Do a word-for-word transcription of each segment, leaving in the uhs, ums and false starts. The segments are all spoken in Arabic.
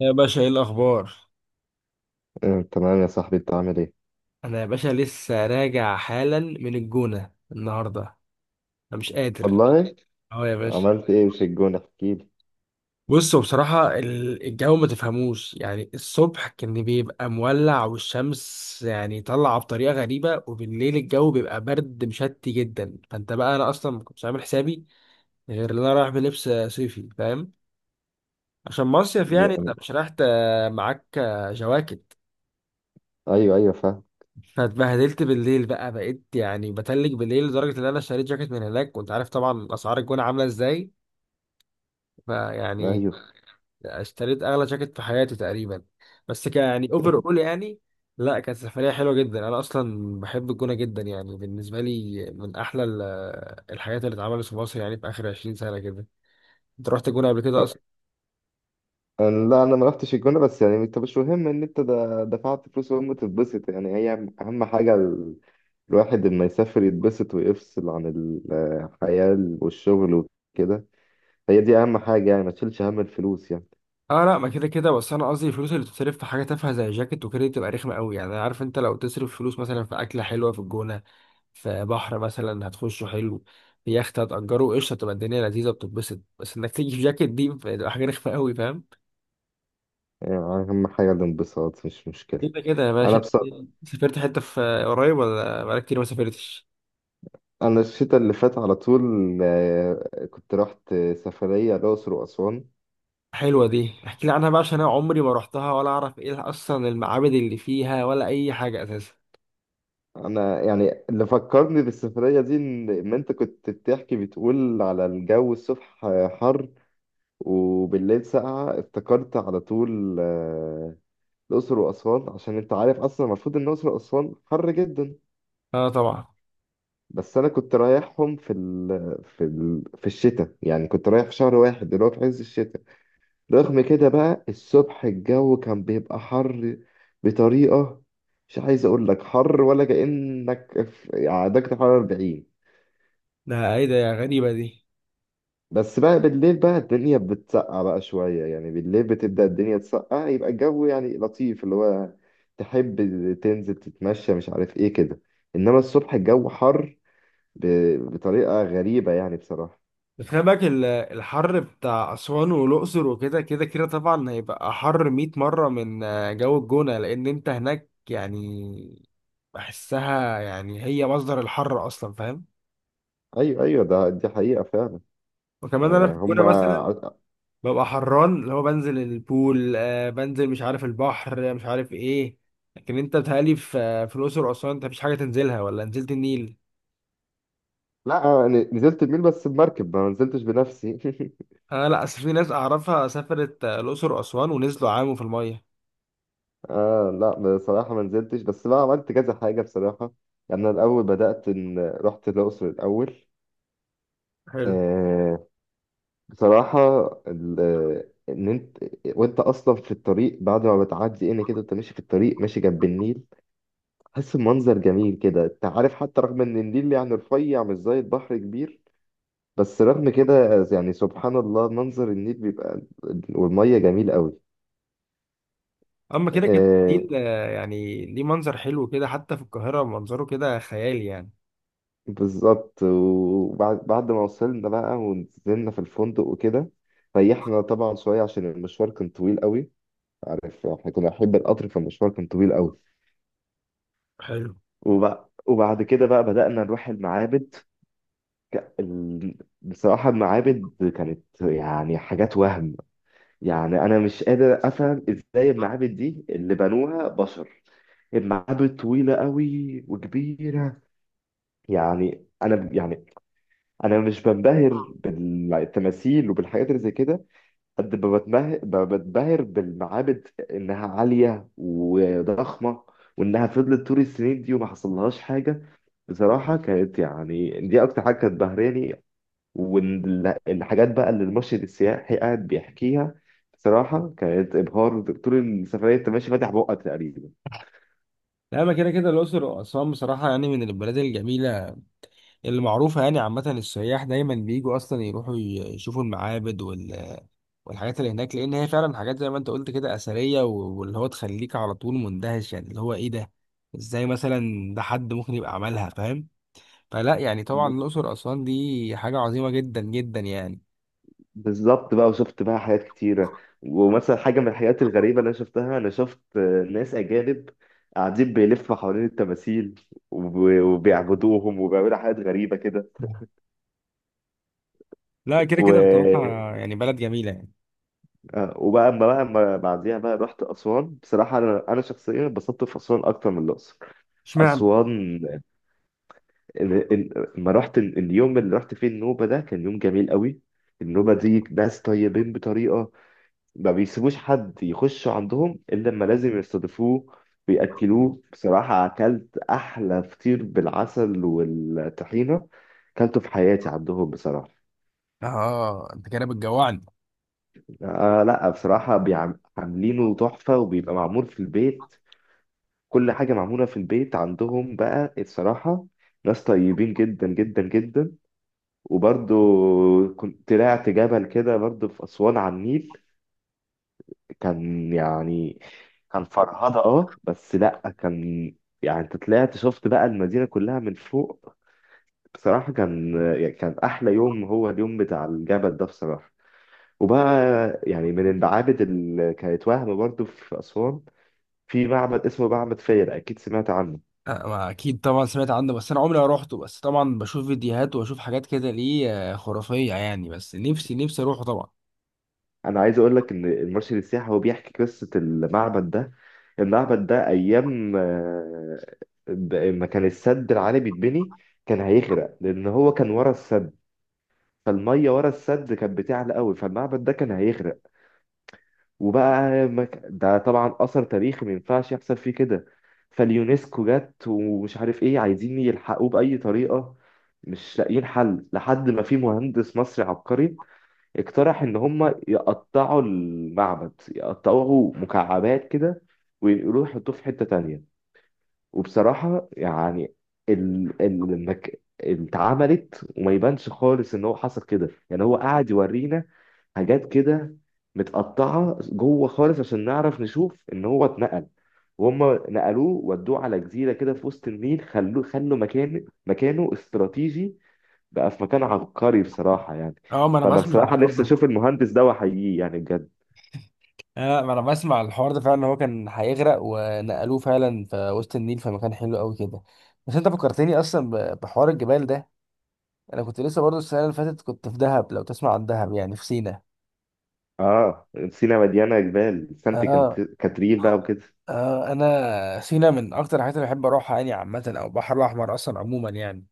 يا باشا، ايه الاخبار؟ آه، تمام يا صاحبي، انت عامل ايه؟ انا يا باشا لسه راجع حالا من الجونة النهاردة. انا مش قادر. والله. اهو يا باشا. عملت ايه في الجونة، احكي بصوا بصراحة ال- الجو ما تفهموش، يعني الصبح كان بيبقى مولع والشمس يعني طالعة بطريقة غريبة، وبالليل الجو بيبقى برد مشتي جدا. فانت بقى انا اصلا ما كنتش عامل حسابي غير ان انا رايح بلبس صيفي، فاهم؟ عشان مصيف، لي يعني انت يا- مش رايح ت- معاك جواكت. ايوه ايوه، فاهم. فاتبهدلت بالليل بقى، بقيت يعني بتلج بالليل لدرجة إن أنا اشتريت جاكيت من هناك، وأنت عارف طبعا أسعار الجونة عاملة إزاي. فيعني ايوه. اشتريت أغلى جاكيت في حياتي تقريبا، بس ك يعني أوفر أول يعني. لا، كانت سفرية حلوة جدا، أنا أصلا بحب الجونة جدا، يعني بالنسبة لي من أحلى ال- الحاجات اللي اتعملت في مصر يعني في آخر 20 سنة كده. أنت رحت الجونة قبل كده أه، أصلا؟ أنا- لا، انا ما رحتش الجونة، بس يعني انت مش مهم ان انت دا- دفعت فلوس وهم تتبسط، يعني هي اهم حاجة ال- الواحد لما يسافر يتبسط ويفصل عن ال- الحياة والشغل وكده. هي دي اهم حاجة، يعني ما تشيلش هم الفلوس يعني. اه لا، ما كده كده، بس انا قصدي الفلوس اللي بتصرف في حاجه تافهه زي جاكيت وكده دي بتبقى رخمه قوي. يعني عارف انت لو تصرف فلوس مثلا في اكله حلوه في الجونه، في بحر مثلا هتخشه حلو، في يخت هتأجره قشطة، تبقى الدنيا لذيذة بتتبسط. بس انك تيجي في جاكيت دي بتبقى حاجة رخمة قوي، فاهم؟ يعني اهم حاجة الانبساط، مش مشكلة. كده كده يا انا باشا. بصراحة، سافرت حتة في قريب ولا بقالك كتير ما سافرتش؟ انا الشتاء اللي فات على طول آه، كنت رحت سفرية الأقصر وأسوان. حلوة دي، احكي لي عنها بقى عشان انا عمري ما رحتها ولا اعرف ايه اصلا المعابد اللي فيها ولا اي حاجة اساسا. انا يعني اللي فكرني بالسفريه دي ان إن انت كنت بتحكي بتقول على الجو الصبح حر وبالليل ساقعه، افتكرت على طول آه، الاقصر واسوان، عشان انت عارف اصلا المفروض ان الاقصر واسوان حر جدا. اه طبعا. بس انا كنت رايحهم في ال... في ال... في الشتاء، يعني كنت رايح في شهر واحد اللي هو في عز الشتاء. رغم كده بقى الصبح الجو كان بيبقى حر بطريقه، مش عايز اقول لك حر ولا كأنك في يعني درجة حرارة أربعين. ده ايه ده، يا غريبة دي. بس بقى بالليل بقى الدنيا بتسقع بقى شوية، يعني بالليل بتبدأ الدنيا تسقع يبقى الجو يعني لطيف، اللي هو تحب تنزل تتمشى مش عارف ايه كده. انما الصبح الجو حر ب... بطريقة غريبة يعني، بصراحة. بس خلي بالك ال- الحر بتاع أسوان والأقصر وكده كده كده طبعا هيبقى حر مائة مرة مرة من آه، جو الجونة، لأن أنت هناك يعني بحسها، يعني هي مصدر الحر أصلا، فاهم؟ ايوه ايوه، ده دي حقيقة فعلا. وكمان أنا آه، في الجونة هما مثلا ع- ببقى حران، اللي هو بنزل البول، آه بنزل، مش عارف، البحر، آه، مش عارف إيه. لكن أنت بتهيألي في آه، في الأقصر وأسوان أنت مفيش حاجة تنزلها، ولا نزلت النيل. لا، آه، ن- نزلت الميل بس بمركب، ما نزلتش بنفسي. أنا لأ، أصل في ناس أعرفها سافرت آه، الأقصر وأسوان ونزلوا عاموا في المية. آه لا، بصراحة ما نزلتش، بس بقى عملت كذا حاجة بصراحة. يعني أنا الأول بدأت إن رحت الأقصر الأول. حلو. آه، بصراحة ال- إن أنت وأنت أصلا في الطريق، بعد ما بتعدي إن كده أنت ماشي في الطريق، ماشي جنب النيل، تحس بمنظر جميل كده. أنت عارف حتى رغم إن النيل يعني رفيع مش زي البحر كبير، بس رغم كده يعني سبحان الله، منظر النيل بيبقى والمية جميل قوي. اما كده كده آه، النيل آه، يعني ليه منظر حلو كده، حتى في القاهرة منظره كده خيالي يعني. بالظبط. وبعد بعد ما وصلنا بقى ونزلنا في الفندق وكده، ريحنا طبعا شوية عشان المشوار كان طويل قوي. عارف احنا كنا بنحب القطر، فالمشوار كان طويل قوي. حلو. وبع- وبعد كده بقى بدأنا نروح المعابد. ال- بصراحة المعابد كانت يعني حاجات وهم. يعني أنا مش قادر أفهم إزاي المعابد دي اللي بنوها بشر. المعابد طويلة قوي وكبيرة. يعني أنا يعني أنا مش بنبهر بالتماثيل وبالحاجات اللي زي كده، قد ما بتمه- ب- بتبهر بالمعابد انها عاليه وضخمه، وانها فضلت طول السنين دي وما حصلهاش حاجه. بصراحه كانت يعني دي اكتر حاجه كانت بهراني. والحاجات بقى اللي المرشد السياحي قاعد بيحكيها، بصراحه كانت ابهار. طول السفريه انت ماشي فاتح بقك تقريبا. لا، اما كده كده الاقصر واسوان بصراحة يعني من البلاد الجميلة اللي معروفة، يعني عامة السياح دايما بيجوا اصلا يروحوا ي- يشوفوا المعابد وال- والحاجات اللي هناك، لان هي فعلا حاجات زي ما انت قلت كده اثرية و- واللي هو تخليك على طول مندهش، يعني اللي هو ايه ده، ازاي مثلا ده حد ممكن يبقى عملها، فاهم؟ فلا يعني طبعا الاقصر واسوان دي حاجة عظيمة جدا جدا يعني. بالظبط بقى، وشفت بقى حاجات كتيرة. ومثلا حاجة من الحاجات الغريبة اللي أنا شفتها، أنا شفت آه، ناس أجانب قاعدين بيلفوا حوالين التماثيل وب- وبيعبدوهم وبيعملوا حاجات غريبة كده. لا كده و... كده بصراحة، يعني بلد جميلة يعني. آه، وبقى أما بقى أما بعديها بقى رحت أسوان. بصراحة أنا أنا شخصيا اتبسطت في أسوان أكتر من الأقصر. اشمعنى؟ أسوان ال- ال- ما رحت ال- اليوم اللي رحت فيه النوبة ده كان يوم جميل قوي. النوبة دي ناس طيبين بطريقة، ما بيسيبوش حد يخشوا عندهم الا لما لازم يستضيفوه ويأكلوه. بصراحة اكلت احلى فطير بالعسل والطحينة اكلته في حياتي عندهم بصراحة. اه انت كده بتجوعني. آه لا، بصراحة بيعم- عاملينه تحفة وبيبقى معمول في البيت، كل حاجة معمولة في البيت عندهم بقى الصراحة. ناس طيبين جدا جدا جدا. وبرضو كنت طلعت جبل كده برضو في أسوان على النيل. كان يعني كان فرهضة، اه بس لا، كان يعني انت طلعت شفت بقى المدينة كلها من فوق. بصراحة كان يعني كان أحلى يوم هو اليوم بتاع الجبل ده بصراحة. وبقى يعني من المعابد اللي كانت وهم برضو في أسوان، في معبد اسمه معبد فيلة، أكيد سمعت عنه. آه، ما اكيد طبعا سمعت عنه، بس انا عمري ما روحته، بس طبعا بشوف فيديوهات واشوف حاجات كده ليه آه، خرافيه يعني، بس نفسي نفسي اروحه طبعا. أنا عايز أقول لك إن المرشد السياحي هو بيحكي قصة المعبد ده. المعبد ده أيام آه، ب- ما كان السد العالي بيتبني، كان هيغرق، لأن هو كان ورا السد، فالميه ورا السد كانت بتعلى قوي فالمعبد ده كان هيغرق. وبقى مك... ده طبعا اثر تاريخي ما ينفعش يحصل فيه كده. فاليونسكو جت ومش عارف ايه، عايزين يلحقوه باي طريقه، مش لاقيين حل لحد ما في مهندس مصري عبقري اقترح ان هم يقطعوا المعبد، يقطعوه مكعبات كده، ويروحوا يحطوه في حته تانية. وبصراحة يعني ال ال المك... اتعملت، وما يبانش خالص ان هو حصل كده، يعني هو قاعد يورينا حاجات كده متقطعة جوه خالص عشان نعرف نشوف ان هو اتنقل. وهم نقلوه ودوه على جزيرة كده في وسط النيل، خلوه خلوا مكان مكانه استراتيجي، بقى في مكان عبقري بصراحة يعني. اه ما انا فأنا بسمع عن بصراحة الحوار نفسي ده. أشوف المهندس ده وأحييه، يعني بجد. اه ما انا بسمع عن الحوار ده فعلا إن هو كان هيغرق ونقلوه فعلا في وسط النيل في مكان حلو قوي كده. بس انت فكرتني اصلا ب- بحوار الجبال ده. انا كنت لسه برضو السنه اللي فاتت كنت في دهب، لو تسمع عن دهب يعني في سينا. آه، سينا مليانة جبال، سانت كانت... اه. كاترين بقى وكده. اه انا سينا من اكتر الحاجات اللي بحب اروحها يعني عامه، او البحر الاحمر اصلا عموما يعني.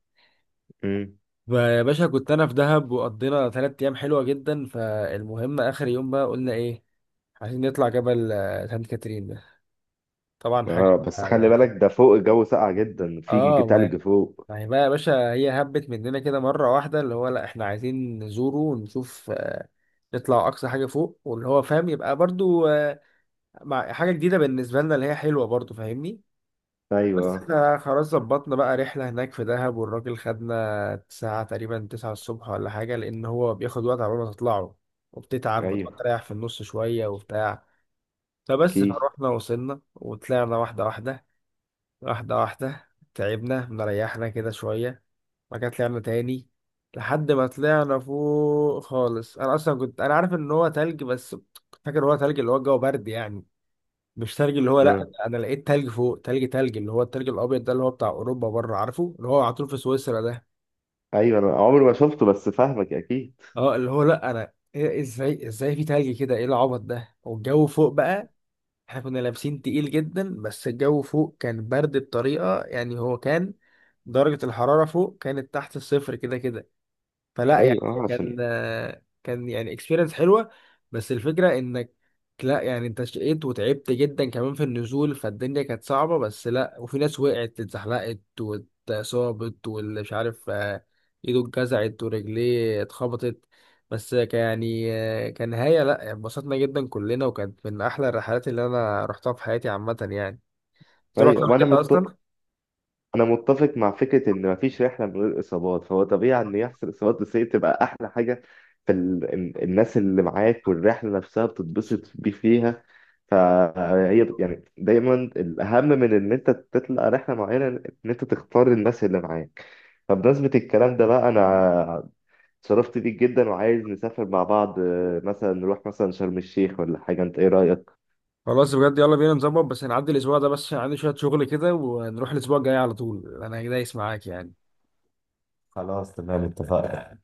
مم. يا باشا، كنت انا في دهب وقضينا ثلاث ايام حلوه جدا، فالمهم اخر يوم بقى قلنا ايه، عايزين نطلع جبل آه، سانت كاترين ده. طبعا حاجه. اه، بس آه، خلي يعني بالك ده فوق الجو ساقع جدا، في اه ما تلج فوق. ما هي بقى يا باشا، هي هبت مننا كده مره واحده، اللي هو لا احنا عايزين نزوره ونشوف، آه، نطلع اقصى حاجه فوق واللي هو فاهم، يبقى برضو، آه، مع حاجه جديده بالنسبه لنا اللي هي حلوه برضو، فاهمني؟ بس ايوه احنا خلاص ظبطنا بقى رحلة هناك في دهب، والراجل خدنا ساعة تقريبا تسعة الصبح ولا حاجة، لأن هو بياخد وقت على ما تطلعوا وبتتعب وتقعد ايوه، تريح في النص شوية وبتاع. فبس اكيد. فروحنا وصلنا وطلعنا واحدة واحدة، واحدة واحدة، تعبنا مريحنا كده شوية، بعد كده طلعنا تاني، لحد ما طلعنا فوق خالص. أنا أصلا كنت أنا عارف إن هو تلج، بس فاكر هو تلج اللي هو الجو برد يعني، مش تلج اللي هو لا، آه. انا لقيت تلج فوق، تلج، تلج اللي هو التلج الابيض ده اللي هو بتاع اوروبا بره، عارفه اللي هو على طول في سويسرا ده. ايوه، انا عمري ما شفته بس فاهمك اكيد. اه اللي هو لا انا إيه، ازاي ازاي في تلج كده، ايه العبط ده، والجو فوق بقى احنا كنا لابسين تقيل جدا، بس الجو فوق كان برد بطريقة، يعني هو كان درجة الحرارة فوق كانت تحت الصفر كده كده. فلا يعني، ايوه، اه عشان. كان كان يعني اكسبيرينس حلوه، بس الفكره انك، لا يعني انت شقيت وتعبت جدا كمان في النزول، فالدنيا كانت صعبه، بس لا وفي ناس وقعت اتزحلقت واتصابت واللي مش عارف، آه، ايده اتجزعت ورجليه اتخبطت، بس كان يعني آه، كنهايه لا انبسطنا جدا كلنا، وكانت من احلى الرحلات اللي انا رحتها في حياتي عامه يعني. انت رحت ايوه، قبل وانا كده مت... اصلا؟ انا متفق مع فكره ان مفيش رحله من غير اصابات، فهو طبيعي ان يحصل اصابات، بس هي بتبقى احلى حاجه في ال... ال- الناس اللي معاك، والرحله نفسها بتتبسط بيه فيها. فهي بت- يعني دايما الاهم من ان انت تطلع رحله معينه ان انت تختار الناس اللي معاك. فبمناسبة الكلام ده بقى، أنا اتشرفت بيك جدا وعايز نسافر مع بعض، آه، مثلا نروح مثلا شرم الشيخ ولا حاجة. أنت إيه رأيك؟ خلاص بجد، يلا بينا نظبط، بس هنعدي الاسبوع ده بس عشان عندي شويه شغل كده، ونروح الاسبوع الجاي على طول، انا دايس معاك يعني. خلاص تمام، اتفقنا.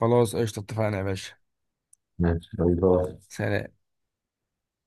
خلاص قشطة، اتفقنا يا باشا. ماشي، باي باي. سلام.